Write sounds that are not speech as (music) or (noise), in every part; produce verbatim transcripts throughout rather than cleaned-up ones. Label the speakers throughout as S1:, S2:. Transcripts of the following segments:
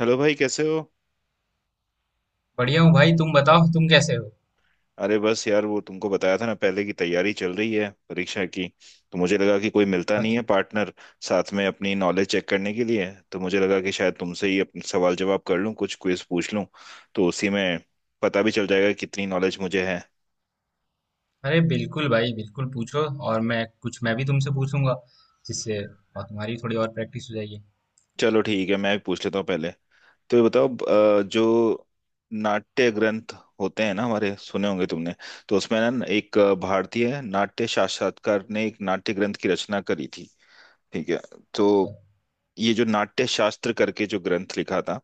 S1: Hello भाई, कैसे हो।
S2: बढ़िया हूँ भाई, तुम बताओ तुम कैसे हो।
S1: अरे बस यार, वो तुमको बताया था ना, पहले की तैयारी चल रही है परीक्षा की। तो मुझे लगा कि कोई मिलता नहीं
S2: अच्छा।
S1: है पार्टनर साथ में अपनी नॉलेज चेक करने के लिए। तो मुझे लगा कि शायद तुमसे ही अपने सवाल जवाब कर लूं, कुछ क्विज पूछ लूं, तो उसी में पता भी चल जाएगा कितनी नॉलेज मुझे है।
S2: अरे बिल्कुल भाई, बिल्कुल पूछो। और मैं कुछ मैं भी तुमसे पूछूंगा, जिससे और तुम्हारी थोड़ी और प्रैक्टिस हो जाएगी।
S1: चलो ठीक है, मैं भी पूछ लेता हूँ पहले। तो ये बताओ अ, जो नाट्य ग्रंथ होते हैं ना, हमारे, सुने होंगे तुमने। तो उसमें ना एक भारतीय नाट्य साक्षात्कार ने एक नाट्य ग्रंथ की रचना करी थी, ठीक है। तो
S2: अच्छा।
S1: ये जो नाट्य शास्त्र करके जो ग्रंथ लिखा था,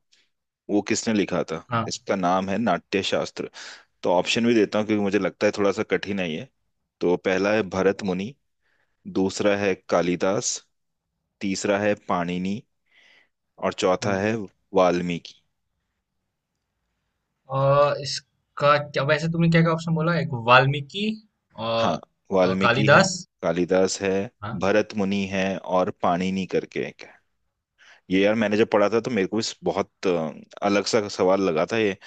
S1: वो किसने लिखा था?
S2: हाँ,
S1: इसका नाम है नाट्य शास्त्र। तो ऑप्शन भी देता हूँ क्योंकि मुझे लगता है थोड़ा सा कठिन है ये। तो पहला है भरत मुनि, दूसरा है कालिदास, तीसरा है पाणिनि, और चौथा
S2: हाँ।
S1: है वाल्मीकि।
S2: और इसका क्या, वैसे तुमने क्या क्या ऑप्शन बोला? एक, वाल्मीकि
S1: हाँ,
S2: और, और
S1: वाल्मीकि है,
S2: कालिदास।
S1: कालिदास है,
S2: हाँ।
S1: भरत मुनि है, और पाणिनि करके एक है। ये यार, मैंने जब पढ़ा था तो मेरे को इस बहुत अ, अलग सा सवाल लगा था ये।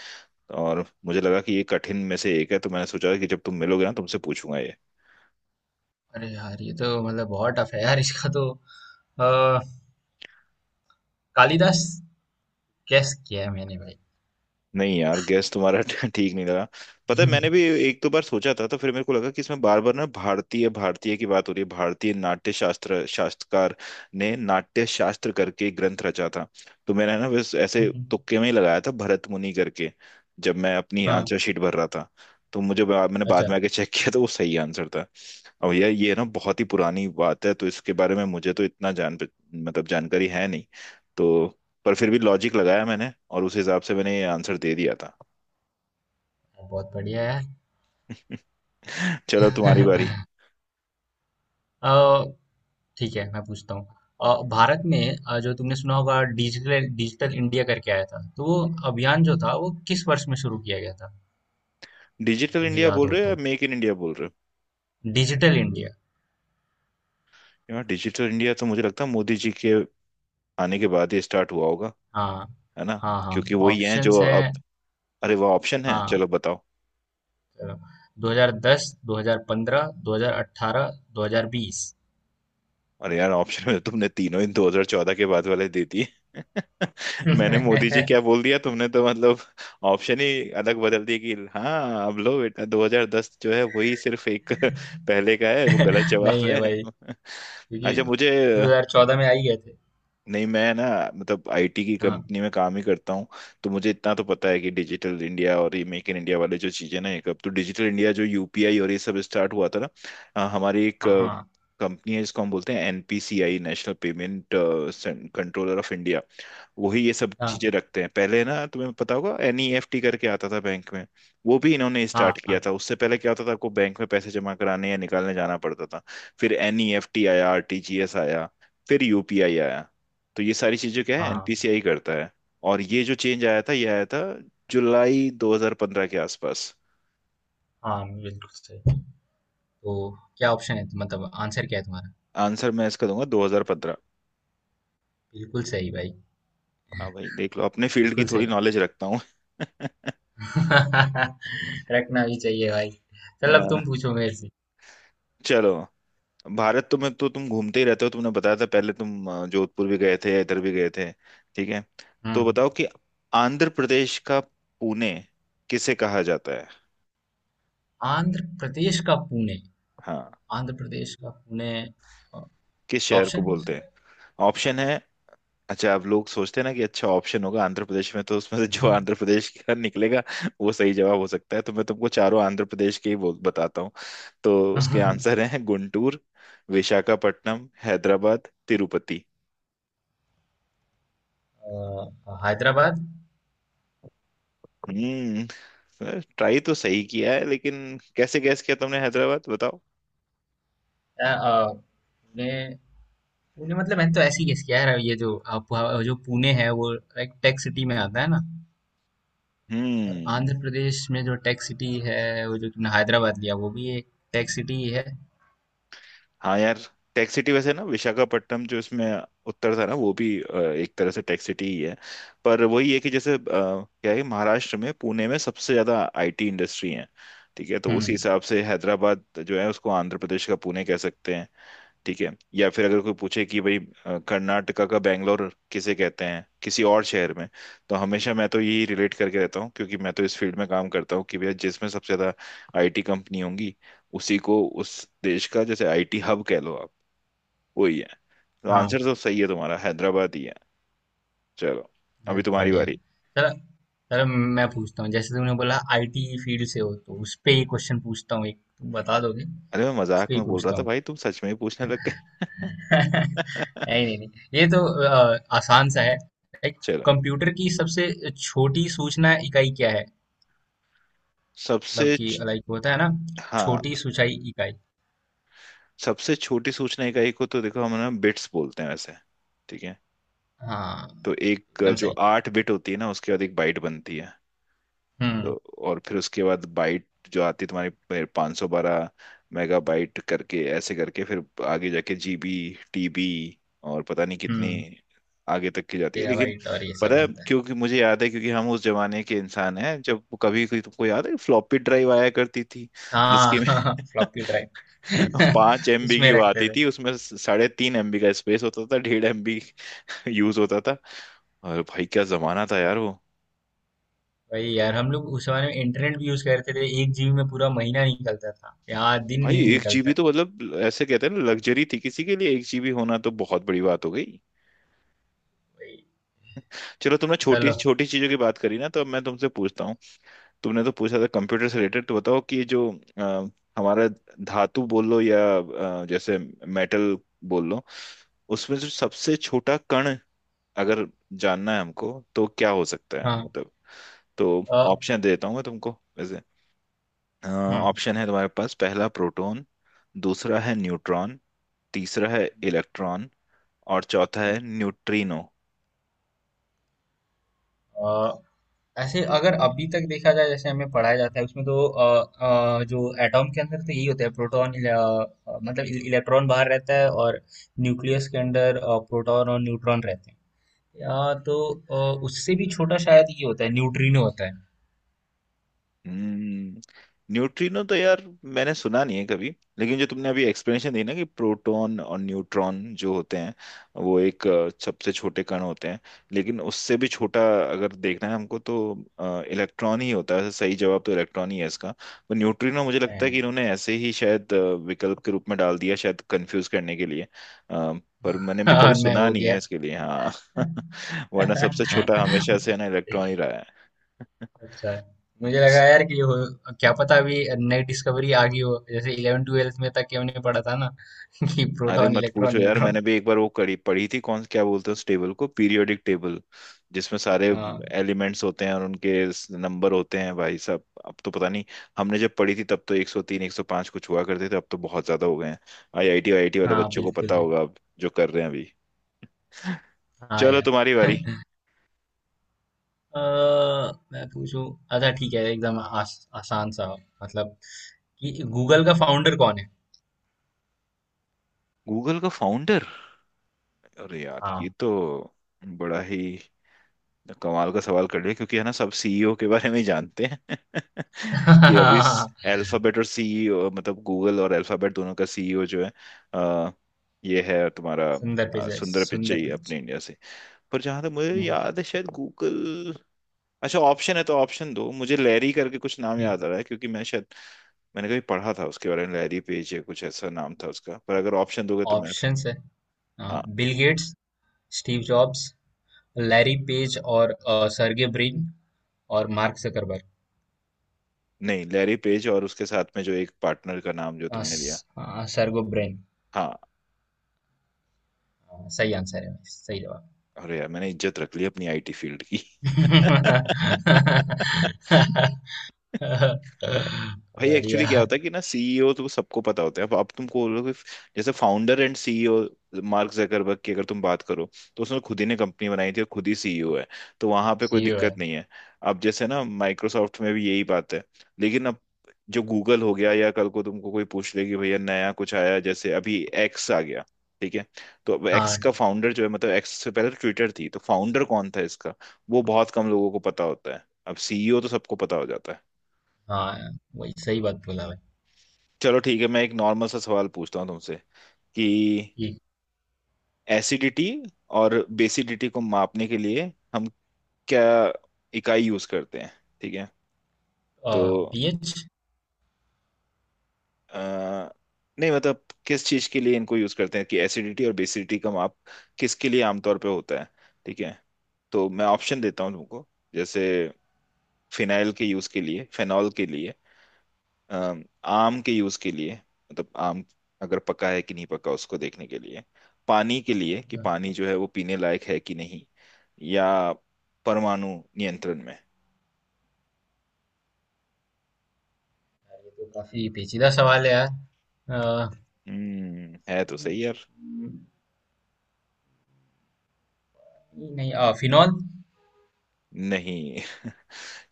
S1: और मुझे लगा कि ये कठिन में से एक है, तो मैंने सोचा कि जब तुम मिलोगे ना तुमसे पूछूंगा ये।
S2: अरे यार, ये तो मतलब बहुत टफ है यार, इसका तो अ, कालिदास कैस किया है मैंने भाई। (laughs)
S1: नहीं यार, गैस तुम्हारा (laughs) ठीक नहीं लगा। पता है, मैंने भी एक दो बार सोचा था, तो फिर मेरे को लगा कि इसमें बार बार ना भारतीय भारतीय की बात हो रही है, भारतीय नाट्य शास्त्र शास्त्रकार ने नाट्य शास्त्र करके एक ग्रंथ रचा था। तो मैंने ना बस ऐसे
S2: हम्म,
S1: तुक्के में ही लगाया था भरत मुनि करके। जब मैं अपनी
S2: हाँ।
S1: आंसर शीट भर रहा था, तो मुझे बा- मैंने
S2: अच्छा,
S1: बाद में आके चेक किया तो वो सही आंसर था। और यार ये ना बहुत ही पुरानी बात है, तो इसके बारे में मुझे तो इतना जान, मतलब जानकारी है नहीं। तो पर फिर भी लॉजिक लगाया मैंने, और उस हिसाब से मैंने ये आंसर दे दिया था।
S2: बहुत बढ़िया यार।
S1: (laughs) चलो तुम्हारी बारी।
S2: (laughs) अ, ठीक है, मैं पूछता हूँ। अ, भारत में अ, जो तुमने सुना होगा, डिजिटल डिजिटल इंडिया करके आया था, तो वो अभियान जो था वो किस वर्ष में शुरू किया गया था, अगर
S1: डिजिटल
S2: तुम्हें
S1: इंडिया
S2: याद
S1: बोल
S2: हो
S1: रहे हो या
S2: तो?
S1: मेक इन इंडिया बोल रहे?
S2: Digital India.
S1: हो यार, डिजिटल इंडिया तो मुझे लगता है मोदी जी के आने के बाद ही स्टार्ट हुआ होगा,
S2: हाँ,
S1: है ना?
S2: हाँ, हाँ।
S1: क्योंकि वही है जो
S2: ऑप्शंस है।
S1: अब। अरे वह ऑप्शन है,
S2: हाँ।
S1: चलो बताओ।
S2: अ, दो हज़ार दस, दो हज़ार पंद्रह, दो हज़ार अठारह, दो हज़ार बीस।
S1: और यार ऑप्शन में तुमने तीनों इन दो हज़ार चौदह के बाद वाले दे दिए।
S2: (laughs)
S1: (laughs) मैंने मोदी जी
S2: नहीं।
S1: क्या बोल दिया, तुमने तो मतलब ऑप्शन ही अलग बदल दिए कि हाँ अब लो बेटा, दो हज़ार दस जो है वही सिर्फ एक (laughs) पहले का है, वो
S2: है
S1: गलत जवाब है।
S2: भाई,
S1: (laughs)
S2: क्योंकि
S1: अच्छा, मुझे
S2: दो हज़ार चौदह में आ ही गए थे।
S1: नहीं। मैं ना, मतलब आईटी की
S2: हाँ,
S1: कंपनी में काम ही करता हूँ, तो मुझे इतना तो पता है कि डिजिटल इंडिया और ये मेक इन इंडिया वाले जो चीजें ना, एक अब तो डिजिटल इंडिया जो यूपीआई और ये सब स्टार्ट हुआ था ना, अ, हमारी एक
S2: हाँ,
S1: कंपनी है जिसको हम बोलते हैं NPCI, national payment controller of India. वही ये सब चीजें
S2: हाँ,
S1: रखते हैं। पहले ना तुम्हें पता होगा एनईएफटी करके आता था बैंक में, वो भी इन्होंने स्टार्ट
S2: हाँ,
S1: किया
S2: हाँ,
S1: था। उससे पहले क्या होता था, आपको बैंक में पैसे जमा कराने या निकालने जाना पड़ता था। फिर एनईएफटी आया, आरटीजीएस आया, फिर यूपीआई आया। तो ये सारी चीजें क्या है,
S2: हाँ,
S1: एनपीसीआई करता है। और ये जो चेंज आया था ये आया था जुलाई दो हज़ार पंद्रह के आसपास।
S2: हाँ, बिल्कुल सही। तो क्या ऑप्शन है? मतलब आंसर क्या है तुम्हारा?
S1: आंसर मैं इसका दूंगा दो हज़ार पंद्रह।
S2: बिल्कुल सही भाई,
S1: हाँ भाई, देख लो, अपने फील्ड की
S2: बिल्कुल
S1: थोड़ी
S2: सही।
S1: नॉलेज रखता हूँ। (laughs)
S2: (laughs) रखना भी चाहिए भाई। चल, अब
S1: अ,
S2: तुम पूछो मेरे से।
S1: चलो। भारत तो, में तो तुम घूमते ही रहते हो, तुमने बताया था पहले तुम अ, जोधपुर भी गए थे या इधर भी गए थे, ठीक है। तो
S2: हम्म।
S1: बताओ कि आंध्र प्रदेश का पुणे किसे कहा जाता है?
S2: आंध्र प्रदेश का पुणे?
S1: हाँ,
S2: आंध्र प्रदेश का पुणे?
S1: किस शहर को
S2: ऑप्शन?
S1: बोलते हैं? ऑप्शन है। अच्छा, अब लोग सोचते हैं ना कि अच्छा, ऑप्शन होगा आंध्र प्रदेश में तो उसमें से जो (laughs) आंध्र
S2: (laughs)
S1: प्रदेश का निकलेगा वो सही जवाब हो सकता है, तो मैं तुमको चारों आंध्र प्रदेश के ही बोल बताता हूँ। तो उसके आंसर हैं गुंटूर, विशाखापट्टनम, हैदराबाद, तिरुपति।
S2: हैदराबाद।
S1: हम्म। ट्राई तो सही किया है, लेकिन कैसे गैस किया तुमने हैदराबाद, बताओ।
S2: अ, अ, पुणे। पुणे मतलब मैंने तो ऐसे ही गेस किया है, ये जो अ, पु- जो पुणे है वो एक टेक सिटी में आता है ना। और
S1: हम्म।
S2: आंध्र प्रदेश में जो टेक सिटी है वो जो तुमने हैदराबाद लिया वो भी एक टेक सिटी ही है।
S1: हाँ यार, टेक सिटी वैसे ना विशाखापट्टनम, जो इसमें उत्तर था ना, वो भी अ, एक तरह से टेक सिटी ही है। पर वही है कि जैसे अ, क्या है, महाराष्ट्र में पुणे में सबसे ज्यादा आईटी इंडस्ट्री है, ठीक है, तो
S2: हुँ,
S1: उसी हिसाब से हैदराबाद जो है उसको आंध्र प्रदेश का पुणे कह सकते हैं, ठीक है। या फिर अगर कोई पूछे कि भाई अ, कर्नाटका का बैंगलोर किसे कहते हैं किसी और शहर में, तो हमेशा मैं तो यही रिलेट करके रहता हूँ क्योंकि मैं तो इस फील्ड में काम करता हूँ कि भैया, जिसमें सबसे ज्यादा आईटी कंपनी होंगी उसी को उस देश का जैसे आईटी हब कह लो आप। वही है। तो
S2: हाँ,
S1: आंसर तो सही है तुम्हारा, हैदराबाद ही है। चलो, अभी
S2: बहुत
S1: तुम्हारी
S2: बढ़िया।
S1: बारी।
S2: चलो। चलो, मैं पूछता हूँ, जैसे तुमने बोला आई टी फील्ड से हो, तो उसपे ही क्वेश्चन पूछता हूँ एक, तुम बता दोगे?
S1: अरे मैं मजाक
S2: उसपे ही
S1: में बोल रहा
S2: पूछता
S1: था
S2: हूँ।
S1: भाई, तुम सच में ही पूछने लग गए।
S2: (laughs) नहीं, नहीं, नहीं, ये तो अ, आसान सा है। लाइक,
S1: (laughs) चलो।
S2: कंप्यूटर की सबसे छोटी सूचना इकाई क्या है? मतलब
S1: सबसे
S2: कि
S1: च-
S2: लाइक होता है ना,
S1: हाँ,
S2: छोटी सूचाई इकाई।
S1: सबसे छोटी सूचना इकाई को तो देखो हम ना बिट्स बोलते हैं वैसे, ठीक है।
S2: हाँ,
S1: तो एक
S2: एकदम
S1: जो
S2: सही।
S1: आठ बिट होती है ना, उसके बाद एक बाइट बनती है। तो
S2: हुँ,
S1: और फिर उसके बाद बाइट जो आती है तुम्हारी, पाँच सौ बारह मेगा बाइट करके, ऐसे करके फिर आगे जाके जीबी, टीबी, और पता नहीं कितनी
S2: हुँ,
S1: आगे तक की जाती है, लेकिन
S2: टेराबाइट और ये सब
S1: पता है
S2: बनता है।
S1: क्योंकि मुझे याद है, क्योंकि हम उस जमाने के इंसान हैं जब कभी कोई, तुमको याद है फ्लॉपी ड्राइव आया करती थी,
S2: हाँ।
S1: जिसकी में
S2: (laughs) फ्लॉपी
S1: (laughs)
S2: ड्राइव
S1: पांच
S2: (laughs)
S1: एमबी की
S2: उसमें
S1: वो
S2: रखते
S1: आती
S2: थे।
S1: थी, उसमें साढ़े तीन एमबी का स्पेस होता था, डेढ़ एमबी यूज होता था। और भाई क्या जमाना था यार वो।
S2: वही यार, हम लोग उस जमाने में इंटरनेट भी यूज करते थे, एक जी बी में पूरा महीना निकलता था यार, दिन
S1: भाई
S2: नहीं
S1: एक
S2: निकलता।
S1: जीबी तो, मतलब ऐसे कहते हैं ना लग्जरी थी, किसी के लिए एक जीबी होना तो बहुत बड़ी बात हो गई।
S2: वही।
S1: चलो, तुमने छोटी
S2: चलो।
S1: छोटी चीजों की बात करी ना, तो अब मैं तुमसे पूछता हूँ। तुमने तो पूछा था कंप्यूटर से रिलेटेड, तो बताओ कि जो अ, हमारा धातु बोल लो या अ, जैसे मेटल बोल लो, उसमें जो सबसे छोटा कण अगर जानना है हमको तो क्या हो सकता है,
S2: हाँ।
S1: मतलब। तो
S2: अ,
S1: ऑप्शन दे देता हूँ मैं तुमको वैसे।
S2: हम्म
S1: ऑप्शन है तुम्हारे पास, पहला प्रोटॉन, दूसरा है न्यूट्रॉन, तीसरा है इलेक्ट्रॉन, और चौथा है न्यूट्रिनो।
S2: अ, ऐसे अगर अभी तक देखा जाए, जैसे हमें पढ़ाया जाता है उसमें तो अ, अ, जो एटॉम के अंदर तो यही होता है, प्रोटॉन। मतलब इल- इलेक्ट्रॉन बाहर रहता है, और न्यूक्लियस के अंदर अ, प्रोटॉन और न्यूट्रॉन रहते हैं। या तो अ, उससे भी छोटा शायद ये होता है, न्यूट्रिनो होता है।
S1: हम्म। न्यूट्रिनो तो यार मैंने सुना नहीं है कभी। लेकिन जो तुमने अभी एक्सप्लेनेशन दी ना, कि प्रोटॉन और न्यूट्रॉन जो होते हैं वो एक अ, सबसे छोटे कण होते हैं, लेकिन उससे भी छोटा अगर देखना है हमको तो इलेक्ट्रॉन ही होता है। सही जवाब तो इलेक्ट्रॉन ही है इसका। तो न्यूट्रिनो मुझे लगता है कि
S2: (laughs)
S1: इन्होंने ऐसे ही शायद अ, विकल्प के रूप में डाल दिया, शायद कंफ्यूज करने के लिए। अ, पर मैंने
S2: अ,
S1: भी कभी
S2: और मैं
S1: सुना
S2: हो
S1: नहीं
S2: गया।
S1: है इसके लिए, हाँ, (laughs) वरना
S2: अच्छा,
S1: सबसे छोटा हमेशा से है ना इलेक्ट्रॉन ही रहा है।
S2: मुझे लगा
S1: (laughs)
S2: यार कि हो, क्या पता अभी नई डिस्कवरी आ गई हो, जैसे इलेवन्थ ट्वेल्थ में तक कि हमने पढ़ा था ना, (laughs) कि
S1: अरे
S2: प्रोटॉन,
S1: मत
S2: इलेक्ट्रॉन,
S1: पूछो यार,
S2: न्यूट्रॉन।
S1: मैंने भी एक बार वो कड़ी पढ़ी थी, कौन क्या बोलते हैं उस टेबल को, पीरियोडिक टेबल, जिसमें सारे
S2: हाँ,
S1: एलिमेंट्स होते हैं और उनके नंबर होते हैं। भाई साहब, अब तो पता नहीं, हमने जब पढ़ी थी तब तो एक सौ तीन एक सौ पांच कुछ हुआ करते थे, अब तो बहुत ज्यादा हो गए हैं। आईआईटी आईआईटी वाले
S2: हाँ,
S1: बच्चों को
S2: बिल्कुल
S1: पता
S2: भाई।
S1: होगा, अब जो कर रहे हैं अभी। (laughs)
S2: हाँ
S1: चलो तुम्हारी बारी।
S2: यार। (laughs) अ, मैं पूछूं? अच्छा, ठीक है, एकदम आस, आसान सा, मतलब कि गूगल का फाउंडर कौन है?
S1: गूगल का फाउंडर, अरे यार, ये
S2: हाँ।
S1: तो बड़ा ही कमाल का सवाल कर लिया, क्योंकि है ना, सब सीईओ के बारे में ही जानते हैं। (laughs) कि अभी
S2: (laughs)
S1: अल्फाबेट, और सीईओ मतलब गूगल और अल्फाबेट दोनों का सीईओ जो है अ, ये है तुम्हारा
S2: सुंदर
S1: अ,
S2: पिचाई,
S1: सुंदर
S2: सुंदर
S1: पिचाई, अपने
S2: पिचाई।
S1: इंडिया से। पर जहां तक मुझे
S2: हम्म।
S1: याद है शायद गूगल, अच्छा ऑप्शन है तो ऑप्शन दो मुझे, लैरी करके कुछ नाम
S2: ठीक।
S1: याद आ रहा है क्योंकि मैं शायद, मैंने कभी पढ़ा था उसके बारे में, लैरी पेज या कुछ ऐसा नाम था उसका, पर अगर ऑप्शन दोगे तो मैं।
S2: ऑप्शंस है।
S1: हाँ,
S2: हाँ, Bill Gates, Steve Jobs, Larry Page और अ, सर्गे ब्रिन और मार्क जुकरबर्ग।
S1: नहीं लैरी पेज, और उसके साथ में जो एक पार्टनर का नाम जो
S2: अ,
S1: तुमने लिया।
S2: स- अ, सर्गो ब्रिन।
S1: हाँ।
S2: अ, सही आंसर है, सही जवाब।
S1: अरे यार मैंने इज्जत रख ली अपनी आईटी फील्ड की।
S2: (laughs)
S1: (laughs) भाई एक्चुअली
S2: बढ़िया।
S1: क्या होता है कि ना, सीईओ तो सबको पता होता है अब अब तुमको बोलोगे जैसे founder and CEO, Mark Zuckerberg की अगर तुम बात करो, तो उसने खुद ही ने कंपनी बनाई थी और खुद ही सीईओ है, तो वहां पे कोई
S2: सी ओ है।
S1: दिक्कत नहीं है। अब जैसे ना माइक्रोसॉफ्ट में भी यही बात है। लेकिन अब जो गूगल हो गया, या कल को तुमको कोई पूछ ले कि भैया नया कुछ आया, जैसे अभी एक्स आ गया, ठीक है, तो अब एक्स
S2: हाँ,
S1: का फाउंडर जो है, मतलब एक्स से पहले ट्विटर थी, तो फाउंडर कौन था इसका, वो बहुत कम लोगों को पता होता है। अब सीईओ तो सबको पता हो जाता है।
S2: हाँ, वही सही बात बोला भाई।
S1: चलो ठीक है, मैं एक नॉर्मल सा सवाल पूछता हूँ तुमसे, कि
S2: ठीक।
S1: एसिडिटी और बेसिडिटी को मापने के लिए हम क्या इकाई यूज करते हैं, ठीक है। तो
S2: पी एच ये।
S1: अ, नहीं, मतलब किस चीज के लिए इनको यूज करते हैं, कि एसिडिटी और बेसिडिटी का माप किसके लिए आमतौर पे होता है, ठीक है। तो मैं ऑप्शन देता हूँ तुमको, जैसे फिनाइल के यूज के लिए, फेनॉल के लिए, अम, आम के यूज के लिए, मतलब आम अगर पका है कि नहीं पका उसको देखने के लिए, पानी के लिए कि पानी जो है वो पीने लायक है कि नहीं, या परमाणु नियंत्रण में।
S2: तो काफी पेचीदा सवाल है यार। अ,
S1: हम्म, है तो सही यार।
S2: नहीं, अ, फिनॉल।
S1: नहीं, (laughs)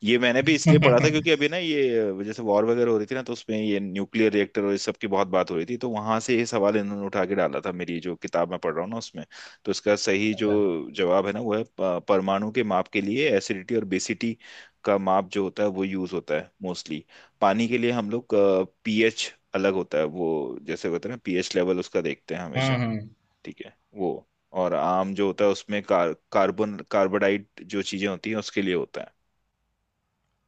S1: ये मैंने भी इसलिए पढ़ा था क्योंकि
S2: (laughs)
S1: अभी ना, ये जैसे वॉर वगैरह हो रही थी ना, तो उसमें ये न्यूक्लियर रिएक्टर और इस सब की बहुत बात हो रही थी, तो वहां से ये सवाल इन्होंने उठा के डाला था मेरी जो किताब मैं पढ़ रहा हूँ ना उसमें। तो इसका सही जो
S2: अच्छा।
S1: जवाब है ना वो है प- परमाणु के माप के लिए। एसिडिटी और बेसिटी का माप जो होता है वो यूज होता है मोस्टली। पानी के लिए हम लोग, पीएच अलग होता है, वो जैसे होता है ना पीएच लेवल उसका देखते हैं हमेशा,
S2: हम्म, हम्म।
S1: ठीक है वो। और आम जो होता है उसमें कार, कार्बन कार्बोडाइट जो चीजें होती हैं उसके लिए होता है।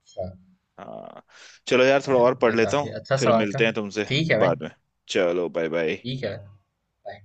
S2: अच्छा।
S1: हाँ। चलो यार, थोड़ा
S2: यार,
S1: और पढ़
S2: ये
S1: लेता
S2: काफी
S1: हूँ,
S2: अच्छा
S1: फिर
S2: सवाल था।
S1: मिलते हैं तुमसे
S2: ठीक है भाई।
S1: बाद में। चलो, बाय बाय।
S2: ठीक है। बाय।